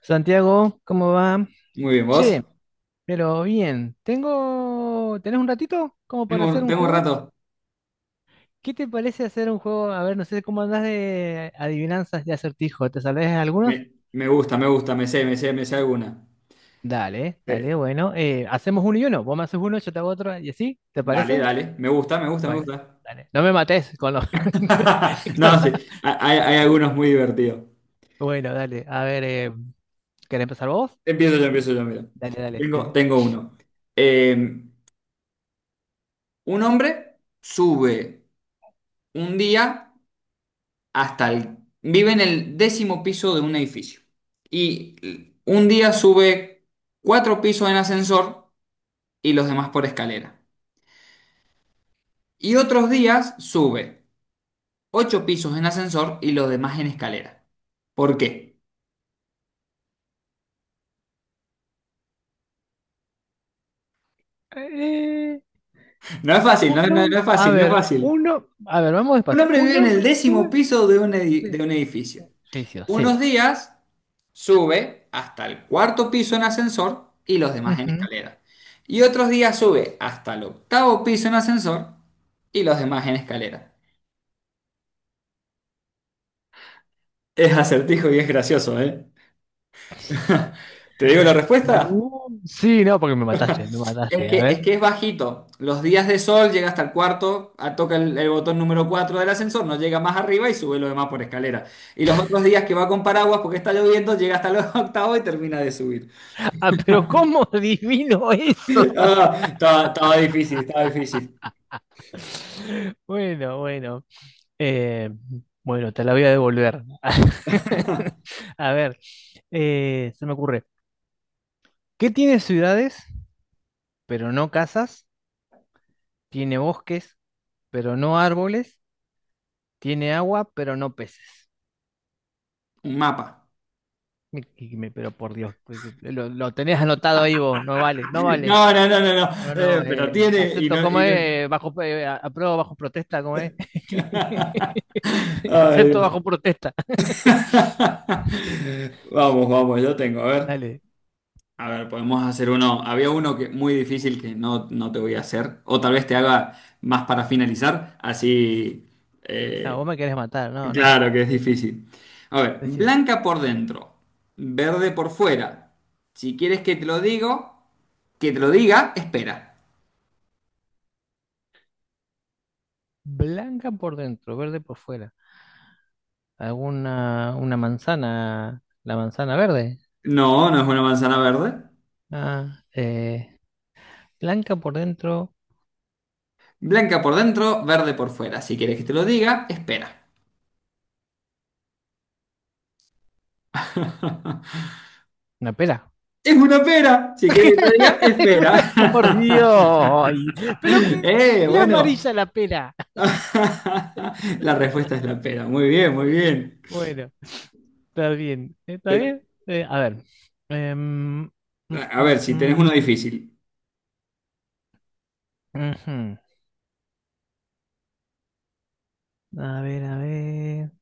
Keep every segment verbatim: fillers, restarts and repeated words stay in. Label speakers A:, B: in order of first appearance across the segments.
A: Santiago, ¿cómo va?
B: Muy bien, ¿vos?
A: Che, pero bien, tengo... ¿Tenés un ratito como para
B: Tengo,
A: hacer
B: un-
A: un
B: tengo un
A: juego?
B: rato.
A: ¿Qué te parece hacer un juego? A ver, no sé cómo andás de adivinanzas de acertijo. ¿Te sabés algunos?
B: Me, me gusta, me gusta, me sé, me sé, me sé alguna.
A: Dale,
B: Eh,
A: dale, bueno. Eh, hacemos uno y uno. Vos me haces uno, yo te hago otro y así. ¿Te
B: Dale,
A: parece?
B: dale. Me gusta, me gusta, me
A: Bueno,
B: gusta.
A: dale. No me mates con los... con
B: No,
A: la-
B: sí. ha- Hay, hay algunos muy divertidos.
A: Bueno, dale. A ver, eh, ¿querés empezar vos?
B: Empiezo yo, empiezo yo, mira.
A: Dale, dale. Sí,
B: Tengo,
A: sí.
B: tengo uno. Eh, un hombre sube un día hasta el— Vive en el décimo piso de un edificio. Y un día sube cuatro pisos en ascensor y los demás por escalera. Y otros días sube ocho pisos en ascensor y los demás en escalera. ¿Por qué?
A: Eh,
B: No es fácil,
A: un
B: no, no- no
A: hom-
B: es
A: A
B: fácil, no es
A: ver,
B: fácil.
A: uno... A ver, vamos
B: Un
A: despacio.
B: hombre
A: Un
B: vive en el
A: hombre
B: décimo
A: sube...
B: piso de un edi-
A: Sí.
B: de un edificio.
A: Juicio,
B: Unos
A: sí.
B: días sube hasta el cuarto piso en ascensor y los demás en
A: Ujú.
B: escalera. Y otros días sube hasta el octavo piso en ascensor y los demás en escalera. Es acertijo y es gracioso, ¿eh? ¿Te digo la respuesta?
A: No, sí, no, porque me mataste, me
B: Es
A: mataste. A
B: que, es
A: ver,
B: que es bajito. Los días de sol llega hasta el cuarto, ah, toca el, el botón número cuatro del ascensor, no llega más arriba y sube lo demás por escalera. Y los otros días que va con paraguas porque está lloviendo, llega hasta los octavos y termina de subir.
A: ah, pero ¿cómo adivino eso? Santi?
B: Ah, estaba, estaba difícil, estaba difícil.
A: Bueno, bueno, eh, bueno, te la voy a devolver. A ver, eh, se me ocurre, ¿qué tiene ciudades, pero no casas? Tiene bosques, pero no árboles. Tiene agua, pero no peces.
B: Un mapa.
A: Y- y me- Pero por Dios, pues, lo, lo tenés anotado ahí vos, no vale, no vale.
B: No, no, no, no, no.
A: No,
B: Eh,
A: no,
B: pero
A: eh,
B: tiene y
A: acepto,
B: no,
A: ¿cómo
B: y no—
A: es? Bajo, eh, a- apruebo bajo protesta, ¿cómo es?
B: Ay,
A: Acepto
B: Dios.
A: bajo protesta.
B: Vamos, vamos, yo tengo, a ver.
A: Dale,
B: A ver, podemos hacer uno. Había uno que muy difícil que no, no te voy a hacer. O tal vez te haga más para finalizar. Así.
A: no,
B: eh,
A: vos me querés matar, no, no.
B: claro que es
A: Es
B: difícil. A ver,
A: decir,
B: blanca por dentro, verde por fuera. Si quieres que te lo digo, que te lo diga, espera.
A: blanca por dentro, verde por fuera. ¿Alguna una manzana? ¿La manzana verde?
B: No, no es una manzana verde.
A: Ah, eh, blanca por dentro,
B: Blanca por dentro, verde por fuera. Si quieres que te lo diga, espera.
A: una pera.
B: Es una pera. Si quieres que te lo diga,
A: Ay, pero por
B: espera.
A: Dios, ay, pero que
B: Eh,
A: es
B: bueno.
A: amarilla la pera.
B: La respuesta es la pera. Muy bien, muy bien.
A: Bueno. Está bien, está bien. Eh, a ver. em, mm,
B: A a
A: mm,
B: ver, si tenés uno
A: mm,
B: difícil.
A: Ujú. A ver, a ver.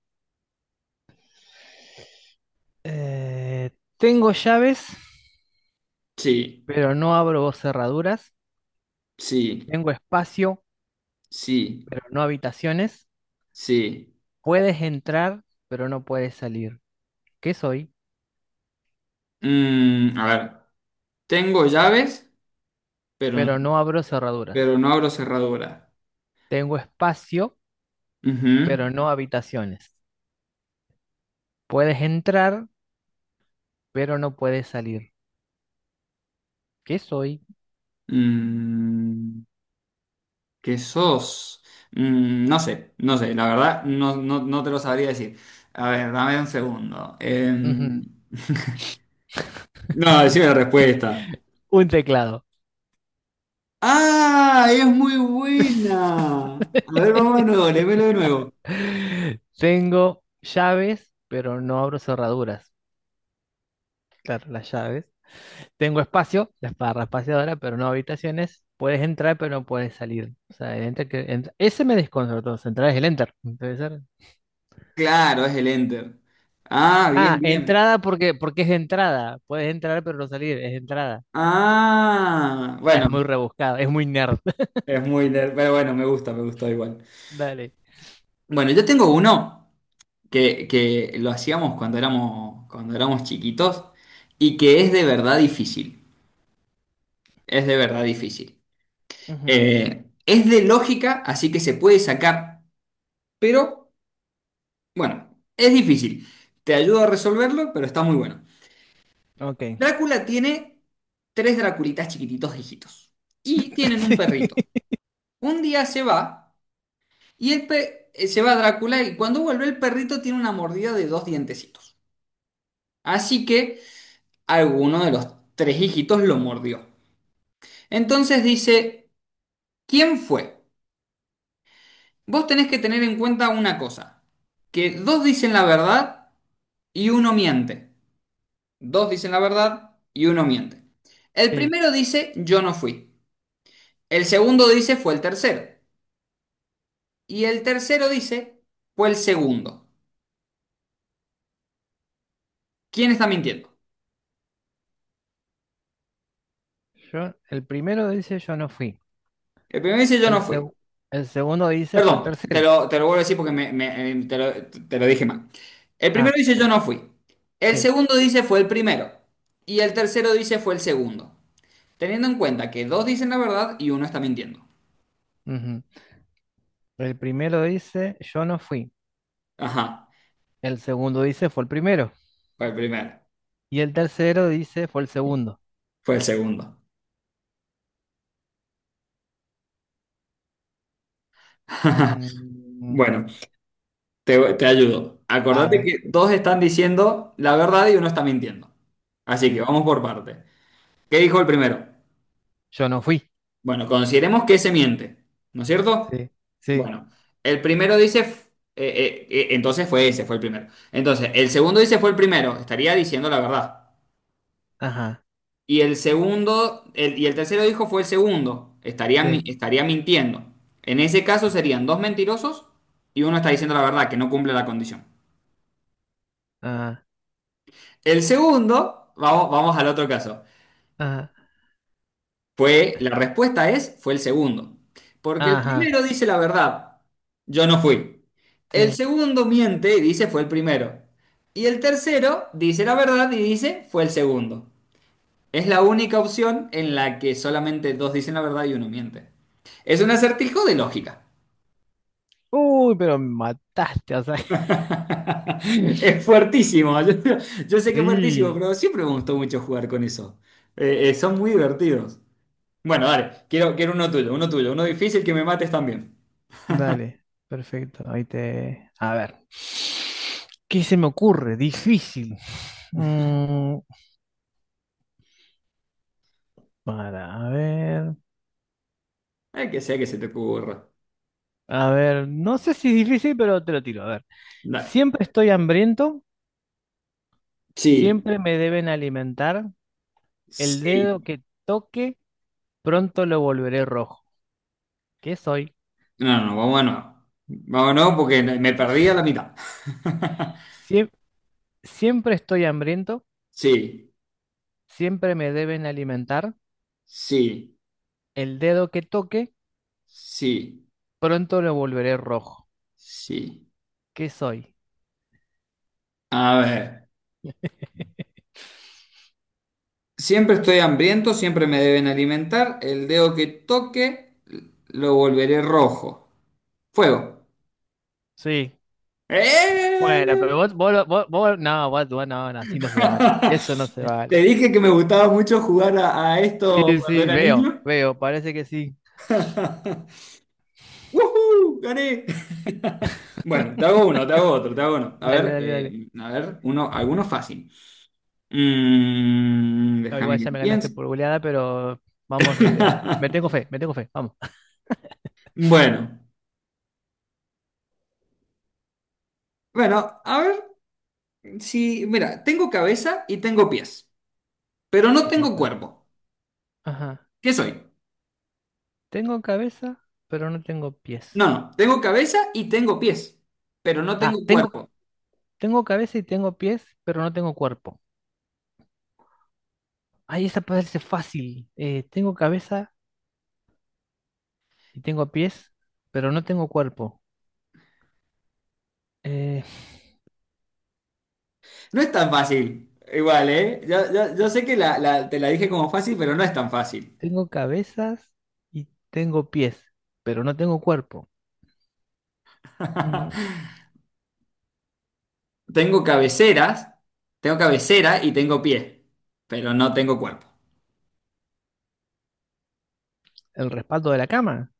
A: Eh, Tengo llaves,
B: Sí,
A: pero no abro cerraduras.
B: sí,
A: Tengo espacio,
B: sí,
A: pero no habitaciones.
B: sí.
A: Puedes entrar, pero no puedes salir. ¿Qué soy?
B: Mm, a ver, tengo llaves, pero,
A: Pero no abro cerraduras.
B: pero no abro cerradura.
A: Tengo espacio,
B: Ujú.
A: pero no habitaciones. Puedes entrar, pero no puedes salir. ¿Qué soy?
B: Mm, ¿Qué sos? Mm, no sé, no sé, la verdad, no, no, no te lo sabría decir. A ver, dame un segundo. Em,
A: Ujú.
B: no, decime la respuesta.
A: Un teclado.
B: ¡Ah! Es muy buena. A ver, vamos de nuevo, léemelo de nuevo.
A: Tengo llaves, pero no abro cerraduras. Claro, las llaves. Tengo espacio, la barra espaciadora, pero no habitaciones. Puedes entrar, pero no puedes salir. O sea, el enter que entra- Ese me desconcertó. Entrar es el enter. Puede ser.
B: Claro, es el Enter. Ah, bien,
A: Ah,
B: bien.
A: entrada porque, porque, es entrada. Puedes entrar, pero no salir. Es entrada.
B: Ah,
A: Es
B: bueno,
A: muy rebuscado, es muy nerd.
B: es muy nerd, pero bueno, me gusta, me gustó igual.
A: Dale.
B: Bueno, yo tengo uno que, que lo hacíamos cuando éramos, cuando éramos chiquitos y que es de verdad difícil. Es de verdad difícil.
A: Ujú.
B: Eh, es de lógica, así que se puede sacar, pero bueno, es difícil. Te ayudo a resolverlo, pero está muy bueno.
A: Ok.
B: Drácula tiene tres Draculitas chiquititos hijitos y tienen un perrito.
A: Sí.
B: Un día se va y el pe- eh, se va Drácula y cuando vuelve el perrito tiene una mordida de dos dientecitos. Así que alguno de los tres hijitos lo mordió. Entonces dice, ¿quién fue? Vos tenés que tener en cuenta una cosa, que dos dicen la verdad y uno miente. Dos dicen la verdad y uno miente. El
A: Sí.
B: primero dice, yo no fui. El segundo dice, fue el tercero. Y el tercero dice, fue el segundo. ¿Quién está mintiendo?
A: Yo, el primero dice yo no fui.
B: El primero dice, yo
A: El,
B: no fui.
A: seg- el segundo dice fue el
B: Perdón, te
A: tercero.
B: lo, te lo vuelvo a decir porque me, me- eh, te lo, te lo dije mal. El primero
A: Ah,
B: dice, yo no fui. El
A: sí.
B: segundo dice, fue el primero. Y el tercero dice, fue el segundo. Teniendo en cuenta que dos dicen la verdad y uno está mintiendo.
A: Ujú. El primero dice, yo no fui.
B: Ajá,
A: El segundo dice, fue el primero.
B: fue el primero.
A: Y el tercero dice, fue el segundo.
B: Fue el segundo.
A: Mm,
B: Bueno, te, te ayudo.
A: a
B: Acordate
A: ver,
B: que dos están diciendo la verdad y uno está mintiendo. Así que
A: sí.
B: vamos por parte. ¿Qué dijo el primero?
A: Yo no fui.
B: Bueno, consideremos que se miente, ¿no es cierto?
A: Sí, sí.
B: Bueno, el primero dice, f- eh, eh, eh, entonces
A: yo
B: fue
A: no-
B: ese, fue el primero. Entonces, el segundo dice fue el primero, estaría diciendo la verdad.
A: Ajá,
B: Y el segundo, el- y el tercero dijo fue el segundo, estaría, mi-
A: sí.
B: estaría mintiendo. En ese caso serían dos mentirosos y uno está diciendo la verdad, que no cumple la condición.
A: Ajá,
B: El segundo, vamos, vamos al otro caso.
A: ajá,
B: Fue, la respuesta es, fue el segundo. Porque el
A: ajá,
B: primero dice la verdad, yo no fui. El
A: sí.
B: segundo miente y dice fue el primero. Y el tercero dice la verdad y dice fue el segundo. Es la única opción en la que solamente dos dicen la verdad y uno miente. Es un acertijo de lógica.
A: Uy, pero me mataste, o sea.
B: Es fuertísimo. Yo, yo sé que es fuertísimo,
A: Sí.
B: pero siempre me gustó mucho jugar con eso. Eh, eh, son muy divertidos. Bueno, dale, quiero, quiero uno tuyo, uno tuyo, uno difícil que me mates también.
A: Dale, perfecto. Ahí te... A ver. ¿Qué se me ocurre? Difícil. Mm, para, a ver.
B: El que sea que se te ocurra.
A: A ver, no sé si es difícil, pero te lo tiro. A ver,
B: Dale.
A: siempre estoy hambriento,
B: Sí,
A: siempre me deben alimentar. El dedo
B: sí.
A: que toque, pronto lo volveré rojo. ¿Qué soy?
B: No, no, vamos a no. Vamos a no porque me perdí a la mitad.
A: Siem- siempre estoy hambriento,
B: Sí,
A: siempre me deben alimentar.
B: sí,
A: El dedo que toque,
B: sí,
A: pronto lo volveré rojo.
B: sí.
A: ¿Qué soy?
B: A ver. Siempre estoy hambriento, siempre me deben alimentar. El dedo que toque lo volveré rojo. Fuego.
A: Sí. Bueno, pero
B: ¡Eh!
A: vos, vos, lo- vos, vos- no, vos, vos no, no, así no se vale. Eso no se vale.
B: Te dije que me gustaba mucho jugar a, a esto
A: Sí,
B: cuando
A: sí,
B: era
A: veo,
B: niño.
A: veo, parece que sí.
B: ¡Woohoo! ¡Gané! Bueno, te hago uno, te hago otro, te hago uno. A
A: Dale,
B: ver,
A: dale, dale.
B: eh, a ver, uno, alguno fácil. Mm,
A: No,
B: déjame
A: igual
B: que
A: ya me ganaste
B: piense.
A: por goleada, pero vamos a ir a... Me tengo fe, me tengo fe, vamos.
B: Bueno, bueno, a ver si, mira, tengo cabeza y tengo pies, pero no
A: Tengo
B: tengo
A: cabeza.
B: cuerpo.
A: Ajá.
B: ¿Qué soy?
A: Tengo cabeza, pero no tengo
B: No,
A: pies.
B: no, tengo cabeza y tengo pies, pero no
A: Ah,
B: tengo
A: tengo,
B: cuerpo.
A: tengo cabeza y tengo pies, pero no tengo cuerpo. Ay, esa parece fácil. Eh, tengo cabeza y tengo pies, pero no tengo cuerpo. Eh,
B: No es tan fácil. Igual, ¿eh? Yo, yo- yo sé que la, la- te la dije como fácil, pero no es tan fácil.
A: Tengo cabezas y tengo pies, pero no tengo cuerpo. Mm,
B: Tengo cabeceras, Tengo cabecera y tengo pie, pero no tengo cuerpo.
A: ¿El respaldo de la cama?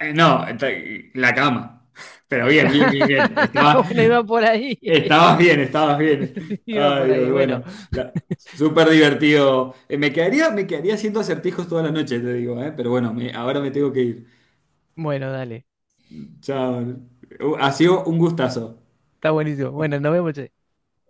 B: Eh, no, ent- la cama. Pero bien, bien, bien, bien. Estaba-
A: Bueno, iba por ahí.
B: estabas bien, estabas bien.
A: Sí, iba
B: Ay,
A: por ahí.
B: Dios,
A: Bueno,
B: bueno. La- súper divertido. Eh, me quedaría, me quedaría haciendo acertijos toda la noche, te digo, eh, pero bueno, me- ahora me tengo que ir.
A: bueno, dale.
B: Chao. Uh, Ha sido un gustazo.
A: Está buenísimo. Bueno, nos vemos, che.